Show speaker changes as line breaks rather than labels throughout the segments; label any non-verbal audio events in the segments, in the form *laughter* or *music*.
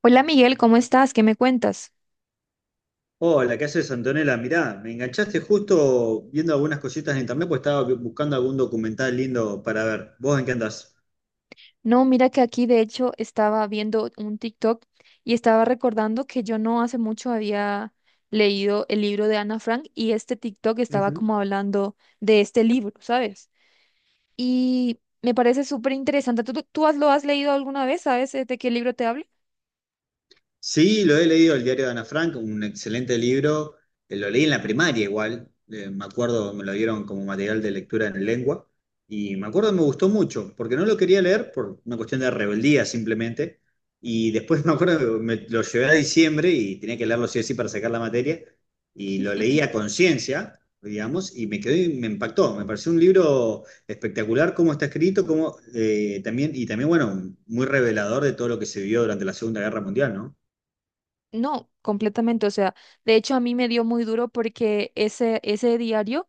Hola Miguel, ¿cómo estás? ¿Qué me cuentas?
Hola, ¿qué haces, Antonella? Mirá, me enganchaste justo viendo algunas cositas en internet, pues estaba buscando algún documental lindo para ver. ¿Vos en qué andás?
No, mira que aquí de hecho estaba viendo un TikTok y estaba recordando que yo no hace mucho había leído el libro de Ana Frank y este TikTok estaba como hablando de este libro, ¿sabes? Y me parece súper interesante. ¿Tú lo has leído alguna vez? ¿Sabes de qué libro te hablo?
Sí, lo he leído, el diario de Ana Frank, un excelente libro. Lo leí en la primaria igual, me acuerdo, me lo dieron como material de lectura en lengua y me acuerdo me gustó mucho, porque no lo quería leer por una cuestión de rebeldía simplemente. Y después *laughs* me acuerdo que me lo llevé a diciembre y tenía que leerlo sí o sí para sacar la materia y lo leí a conciencia, digamos, y me quedó, y me impactó. Me pareció un libro espectacular cómo está escrito, cómo, también, y también, bueno, muy revelador de todo lo que se vivió durante la Segunda Guerra Mundial, ¿no?
No, completamente. O sea, de hecho a mí me dio muy duro porque ese diario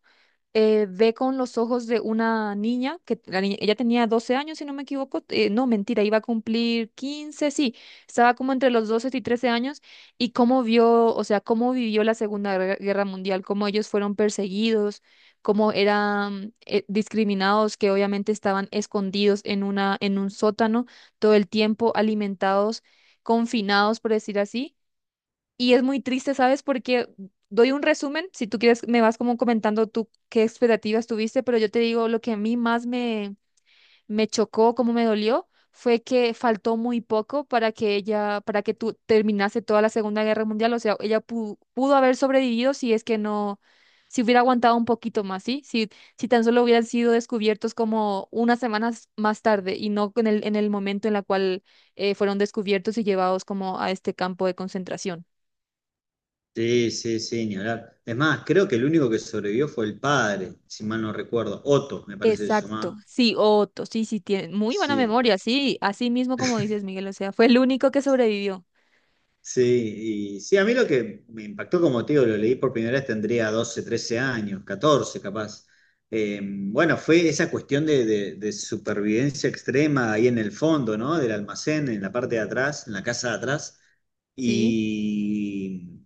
ve con los ojos de una niña, que ella tenía 12 años, si no me equivoco, no, mentira, iba a cumplir quince, sí, estaba como entre los 12 y 13 años, y cómo vio, o sea, cómo vivió la Segunda Guerra Mundial, cómo ellos fueron perseguidos, cómo eran discriminados, que obviamente estaban escondidos en en un sótano todo el tiempo, alimentados, confinados, por decir así, y es muy triste, ¿sabes? Porque doy un resumen, si tú quieres, me vas como comentando tú qué expectativas tuviste, pero yo te digo lo que a mí más me chocó, cómo me dolió, fue que faltó muy poco para que tú terminase toda la Segunda Guerra Mundial. O sea, ella pudo haber sobrevivido si es que si hubiera aguantado un poquito más, ¿sí? Si, si tan solo hubieran sido descubiertos como unas semanas más tarde y no en en el momento en la cual fueron descubiertos y llevados como a este campo de concentración.
Sí, sí, sí, ni hablar. Es más, creo que el único que sobrevivió fue el padre, si mal no recuerdo. Otto, me parece que se
Exacto,
llamaba.
sí, Otto, sí, sí, tiene muy buena
Sí.
memoria, sí, así mismo como dices, Miguel, o sea, fue el único que sobrevivió,
Sí, y sí, a mí lo que me impactó, como te digo, lo leí por primera vez, tendría 12 13 años, 14 capaz. Bueno, fue esa cuestión de, de supervivencia extrema ahí en el fondo, ¿no? Del almacén, en la parte de atrás, en la casa de atrás.
sí.
Y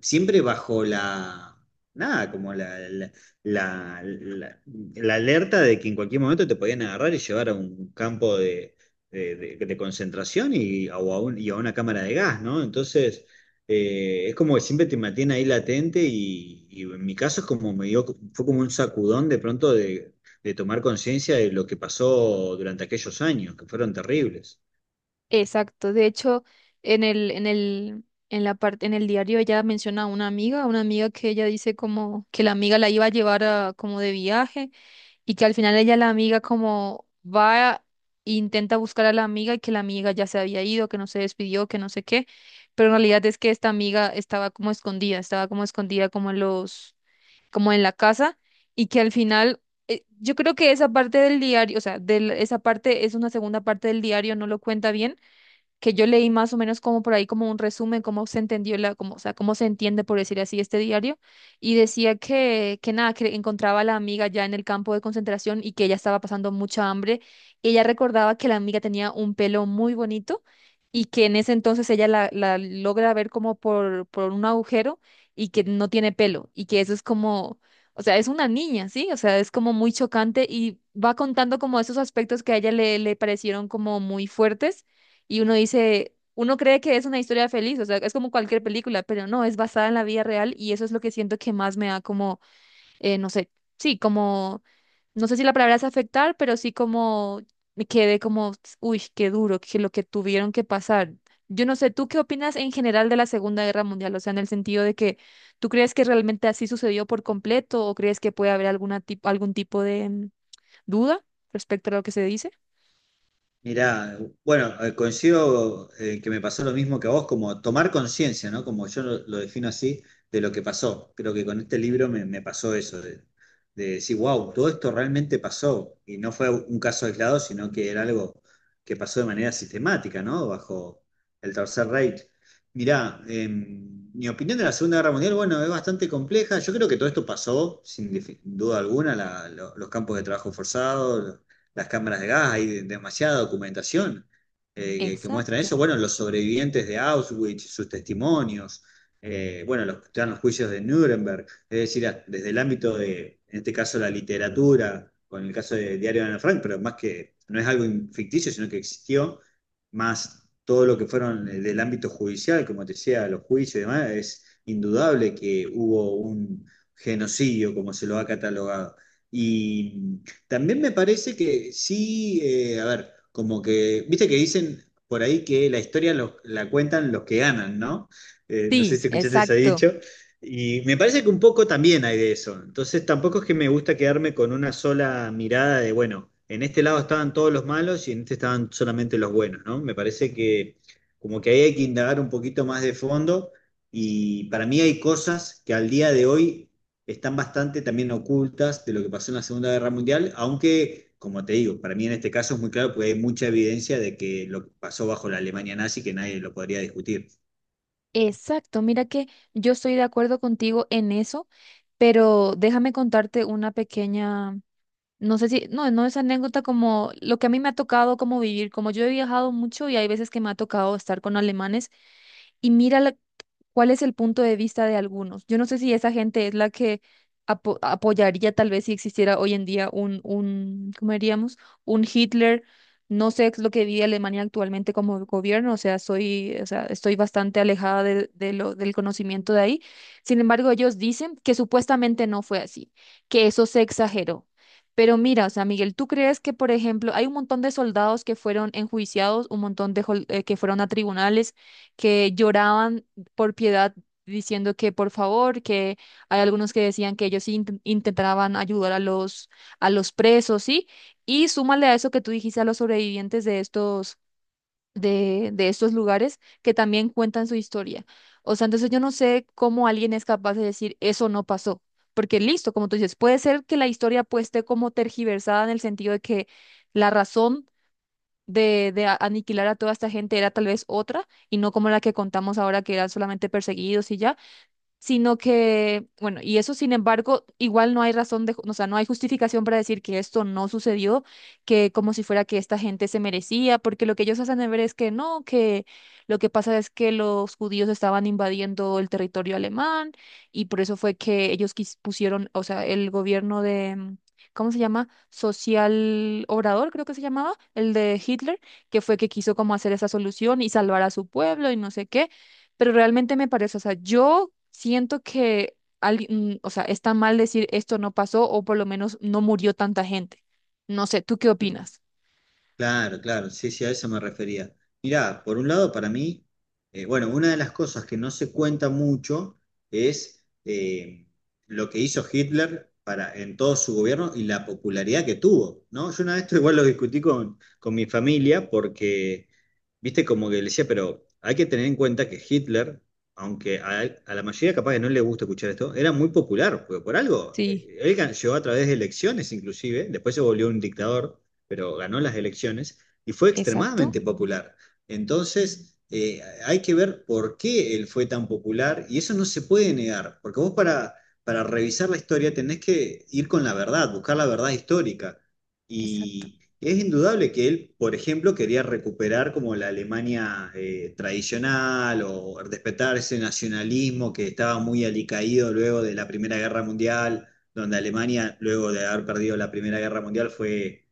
siempre bajo la, nada, como la- la- la alerta de que en cualquier momento te podían agarrar y llevar a un campo de de concentración y a, o a y a una cámara de gas, ¿no? Entonces, es como que siempre te mantiene ahí latente y en mi caso es como me dio, fue como un sacudón de pronto de tomar conciencia de lo que pasó durante aquellos años, que fueron terribles.
Exacto. De hecho, en el, en el, en la parte, en el diario ella menciona a una amiga que ella dice como que la amiga la iba a como de viaje y que al final ella la amiga como va e intenta buscar a la amiga y que la amiga ya se había ido, que no se despidió, que no sé qué. Pero en realidad es que esta amiga estaba como escondida como en los como en la casa, y que al final, yo creo que esa parte del diario, o sea, esa parte es una segunda parte del diario, no lo cuenta bien que yo leí más o menos como por ahí como un resumen, cómo se entendió la, como, o sea, cómo se entiende, por decir así, este diario, y decía que nada, que encontraba a la amiga ya en el campo de concentración y que ella estaba pasando mucha hambre. Ella recordaba que la amiga tenía un pelo muy bonito y que en ese entonces ella la logra ver como por un agujero y que no tiene pelo y que eso es como... O sea, es una niña, ¿sí? O sea, es como muy chocante y va contando como esos aspectos que a ella le parecieron como muy fuertes y uno dice, uno cree que es una historia feliz, o sea, es como cualquier película, pero no, es basada en la vida real y eso es lo que siento que más me da como, no sé, sí, como, no sé si la palabra es afectar, pero sí como me quedé como, uy, qué duro, que lo que tuvieron que pasar. Yo no sé, ¿tú qué opinas en general de la Segunda Guerra Mundial? O sea, en el sentido de que ¿tú crees que realmente así sucedió por completo o crees que puede haber alguna algún tipo de duda respecto a lo que se dice?
Mirá, bueno, coincido que me pasó lo mismo que a vos, como tomar conciencia, ¿no? Como yo lo defino así, de lo que pasó. Creo que con este libro me, me pasó eso, de decir, wow, todo esto realmente pasó. Y no fue un caso aislado, sino que era algo que pasó de manera sistemática, ¿no? Bajo el Tercer Reich. Mirá, mi opinión de la Segunda Guerra Mundial, bueno, es bastante compleja. Yo creo que todo esto pasó, sin duda alguna, los campos de trabajo forzados, las cámaras de gas, hay demasiada documentación que muestra eso.
Exacto.
Bueno, los sobrevivientes de Auschwitz, sus testimonios, bueno, los, están los juicios de Nuremberg, es decir, desde el ámbito de, en este caso, la literatura, con el caso del diario de Ana Frank, pero más que no es algo ficticio, sino que existió, más todo lo que fueron del ámbito judicial, como te decía, los juicios y demás, es indudable que hubo un genocidio, como se lo ha catalogado. Y también me parece que sí, a ver, como que, viste que dicen por ahí que la historia la cuentan los que ganan, ¿no? No sé
Sí,
si escuchaste ese
exacto.
dicho. Y me parece que un poco también hay de eso. Entonces tampoco es que me gusta quedarme con una sola mirada de, bueno, en este lado estaban todos los malos y en este estaban solamente los buenos, ¿no? Me parece que como que ahí hay que indagar un poquito más de fondo y para mí hay cosas que al día de hoy están bastante también ocultas de lo que pasó en la Segunda Guerra Mundial, aunque, como te digo, para mí en este caso es muy claro porque hay mucha evidencia de que lo que pasó bajo la Alemania nazi que nadie lo podría discutir.
Exacto, mira que yo estoy de acuerdo contigo en eso, pero déjame contarte una pequeña, no sé si, no, no es anécdota como lo que a mí me ha tocado como vivir, como yo he viajado mucho y hay veces que me ha tocado estar con alemanes y mira cuál es el punto de vista de algunos. Yo no sé si esa gente es la que apoyaría tal vez si existiera hoy en día un, ¿cómo diríamos? Un Hitler. No sé es lo que vive Alemania actualmente como gobierno, o sea, soy, o sea, estoy bastante alejada de lo, del conocimiento de ahí. Sin embargo, ellos dicen que supuestamente no fue así, que eso se exageró. Pero mira, o sea, Miguel, ¿tú crees que, por ejemplo, hay un montón de soldados que fueron enjuiciados, un montón de que fueron a tribunales? Que lloraban por piedad diciendo que por favor, que hay algunos que decían que ellos sí intentaban ayudar a a los presos, ¿sí? Y súmale a eso que tú dijiste a los sobrevivientes de de estos lugares que también cuentan su historia. O sea, entonces yo no sé cómo alguien es capaz de decir eso no pasó. Porque listo, como tú dices, puede ser que la historia pues esté como tergiversada en el sentido de que la razón aniquilar a toda esta gente era tal vez otra y no como la que contamos ahora que eran solamente perseguidos y ya, sino que, bueno, y eso sin embargo, igual no hay razón o sea, no hay justificación para decir que esto no sucedió, que como si fuera que esta gente se merecía, porque lo que ellos hacen de ver es que no, que lo que pasa es que los judíos estaban invadiendo el territorio alemán y por eso fue que ellos pusieron, o sea, el gobierno de... ¿cómo se llama? Social Obrador, creo que se llamaba, el de Hitler, que fue que quiso como hacer esa solución y salvar a su pueblo y no sé qué, pero realmente me parece, o sea, yo siento que alguien, o sea, está mal decir esto no pasó o por lo menos no murió tanta gente. No sé, ¿tú qué opinas?
Claro, claro, sí, sí, a eso me refería. Mirá, por un lado, para mí, bueno, una de las cosas que no se cuenta mucho es lo que hizo Hitler para, en todo su gobierno y la popularidad que tuvo, ¿no? Yo una vez esto igual lo discutí con mi familia porque, viste, como que le decía, pero hay que tener en cuenta que Hitler, aunque a la mayoría capaz que no le gusta escuchar esto, era muy popular, porque por algo,
Sí,
él llegó a través de elecciones inclusive, después se volvió un dictador pero ganó las elecciones y fue
exacto,
extremadamente popular. Entonces, hay que ver por qué él fue tan popular y eso no se puede negar, porque vos para revisar la historia tenés que ir con la verdad, buscar la verdad histórica.
exacto,
Y es indudable que él, por ejemplo, quería recuperar como la Alemania tradicional o respetar ese nacionalismo que estaba muy alicaído luego de la Primera Guerra Mundial, donde Alemania, luego de haber perdido la Primera Guerra Mundial, fue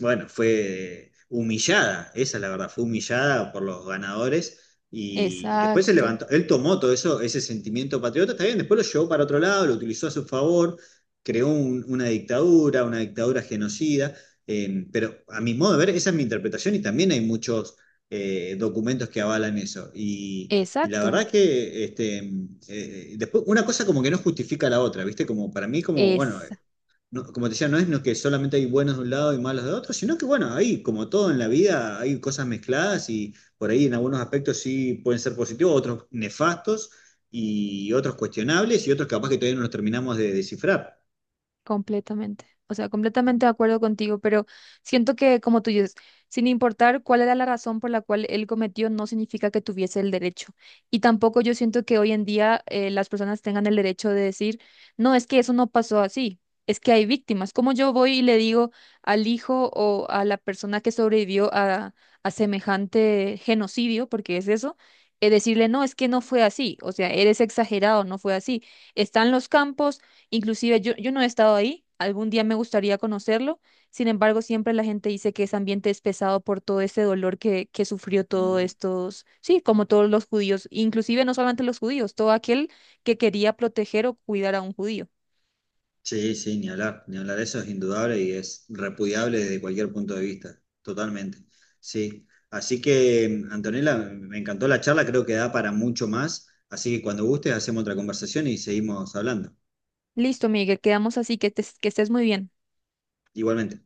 bueno, fue humillada, esa es la verdad, fue humillada por los ganadores y después se
exacto,
levantó, él tomó todo eso, ese sentimiento patriota, está bien, después lo llevó para otro lado, lo utilizó a su favor, creó una dictadura genocida, pero a mi modo de ver, esa es mi interpretación y también hay muchos documentos que avalan eso. Y la
exacto.
verdad que este, después, una cosa como que no justifica la otra, ¿viste? Como para mí, como, bueno, como te decía, no es no que solamente hay buenos de un lado y malos de otro, sino que bueno, hay como todo en la vida, hay cosas mezcladas y por ahí en algunos aspectos sí pueden ser positivos, otros nefastos y otros cuestionables y otros capaz que todavía no los terminamos de descifrar.
Completamente. O sea, completamente de acuerdo contigo, pero siento que, como tú dices, sin importar cuál era la razón por la cual él cometió, no significa que tuviese el derecho. Y tampoco yo siento que hoy en día las personas tengan el derecho de decir, no, es que eso no pasó así, es que hay víctimas. Como yo voy y le digo al hijo o a la persona que sobrevivió a semejante genocidio, porque es eso, decirle, no, es que no fue así, o sea, eres exagerado, no fue así. Están los campos. Inclusive yo no he estado ahí, algún día me gustaría conocerlo, sin embargo siempre la gente dice que ese ambiente es pesado por todo ese dolor que sufrió todos
Mm.
estos, sí, como todos los judíos, inclusive no solamente los judíos, todo aquel que quería proteger o cuidar a un judío.
Sí, sí, ni hablar, ni hablar, eso es indudable y es repudiable desde cualquier punto de vista, totalmente. Sí, así que Antonella, me encantó la charla, creo que da para mucho más, así que cuando gustes hacemos otra conversación y seguimos hablando.
Listo, Miguel, quedamos así, que estés muy bien.
Igualmente.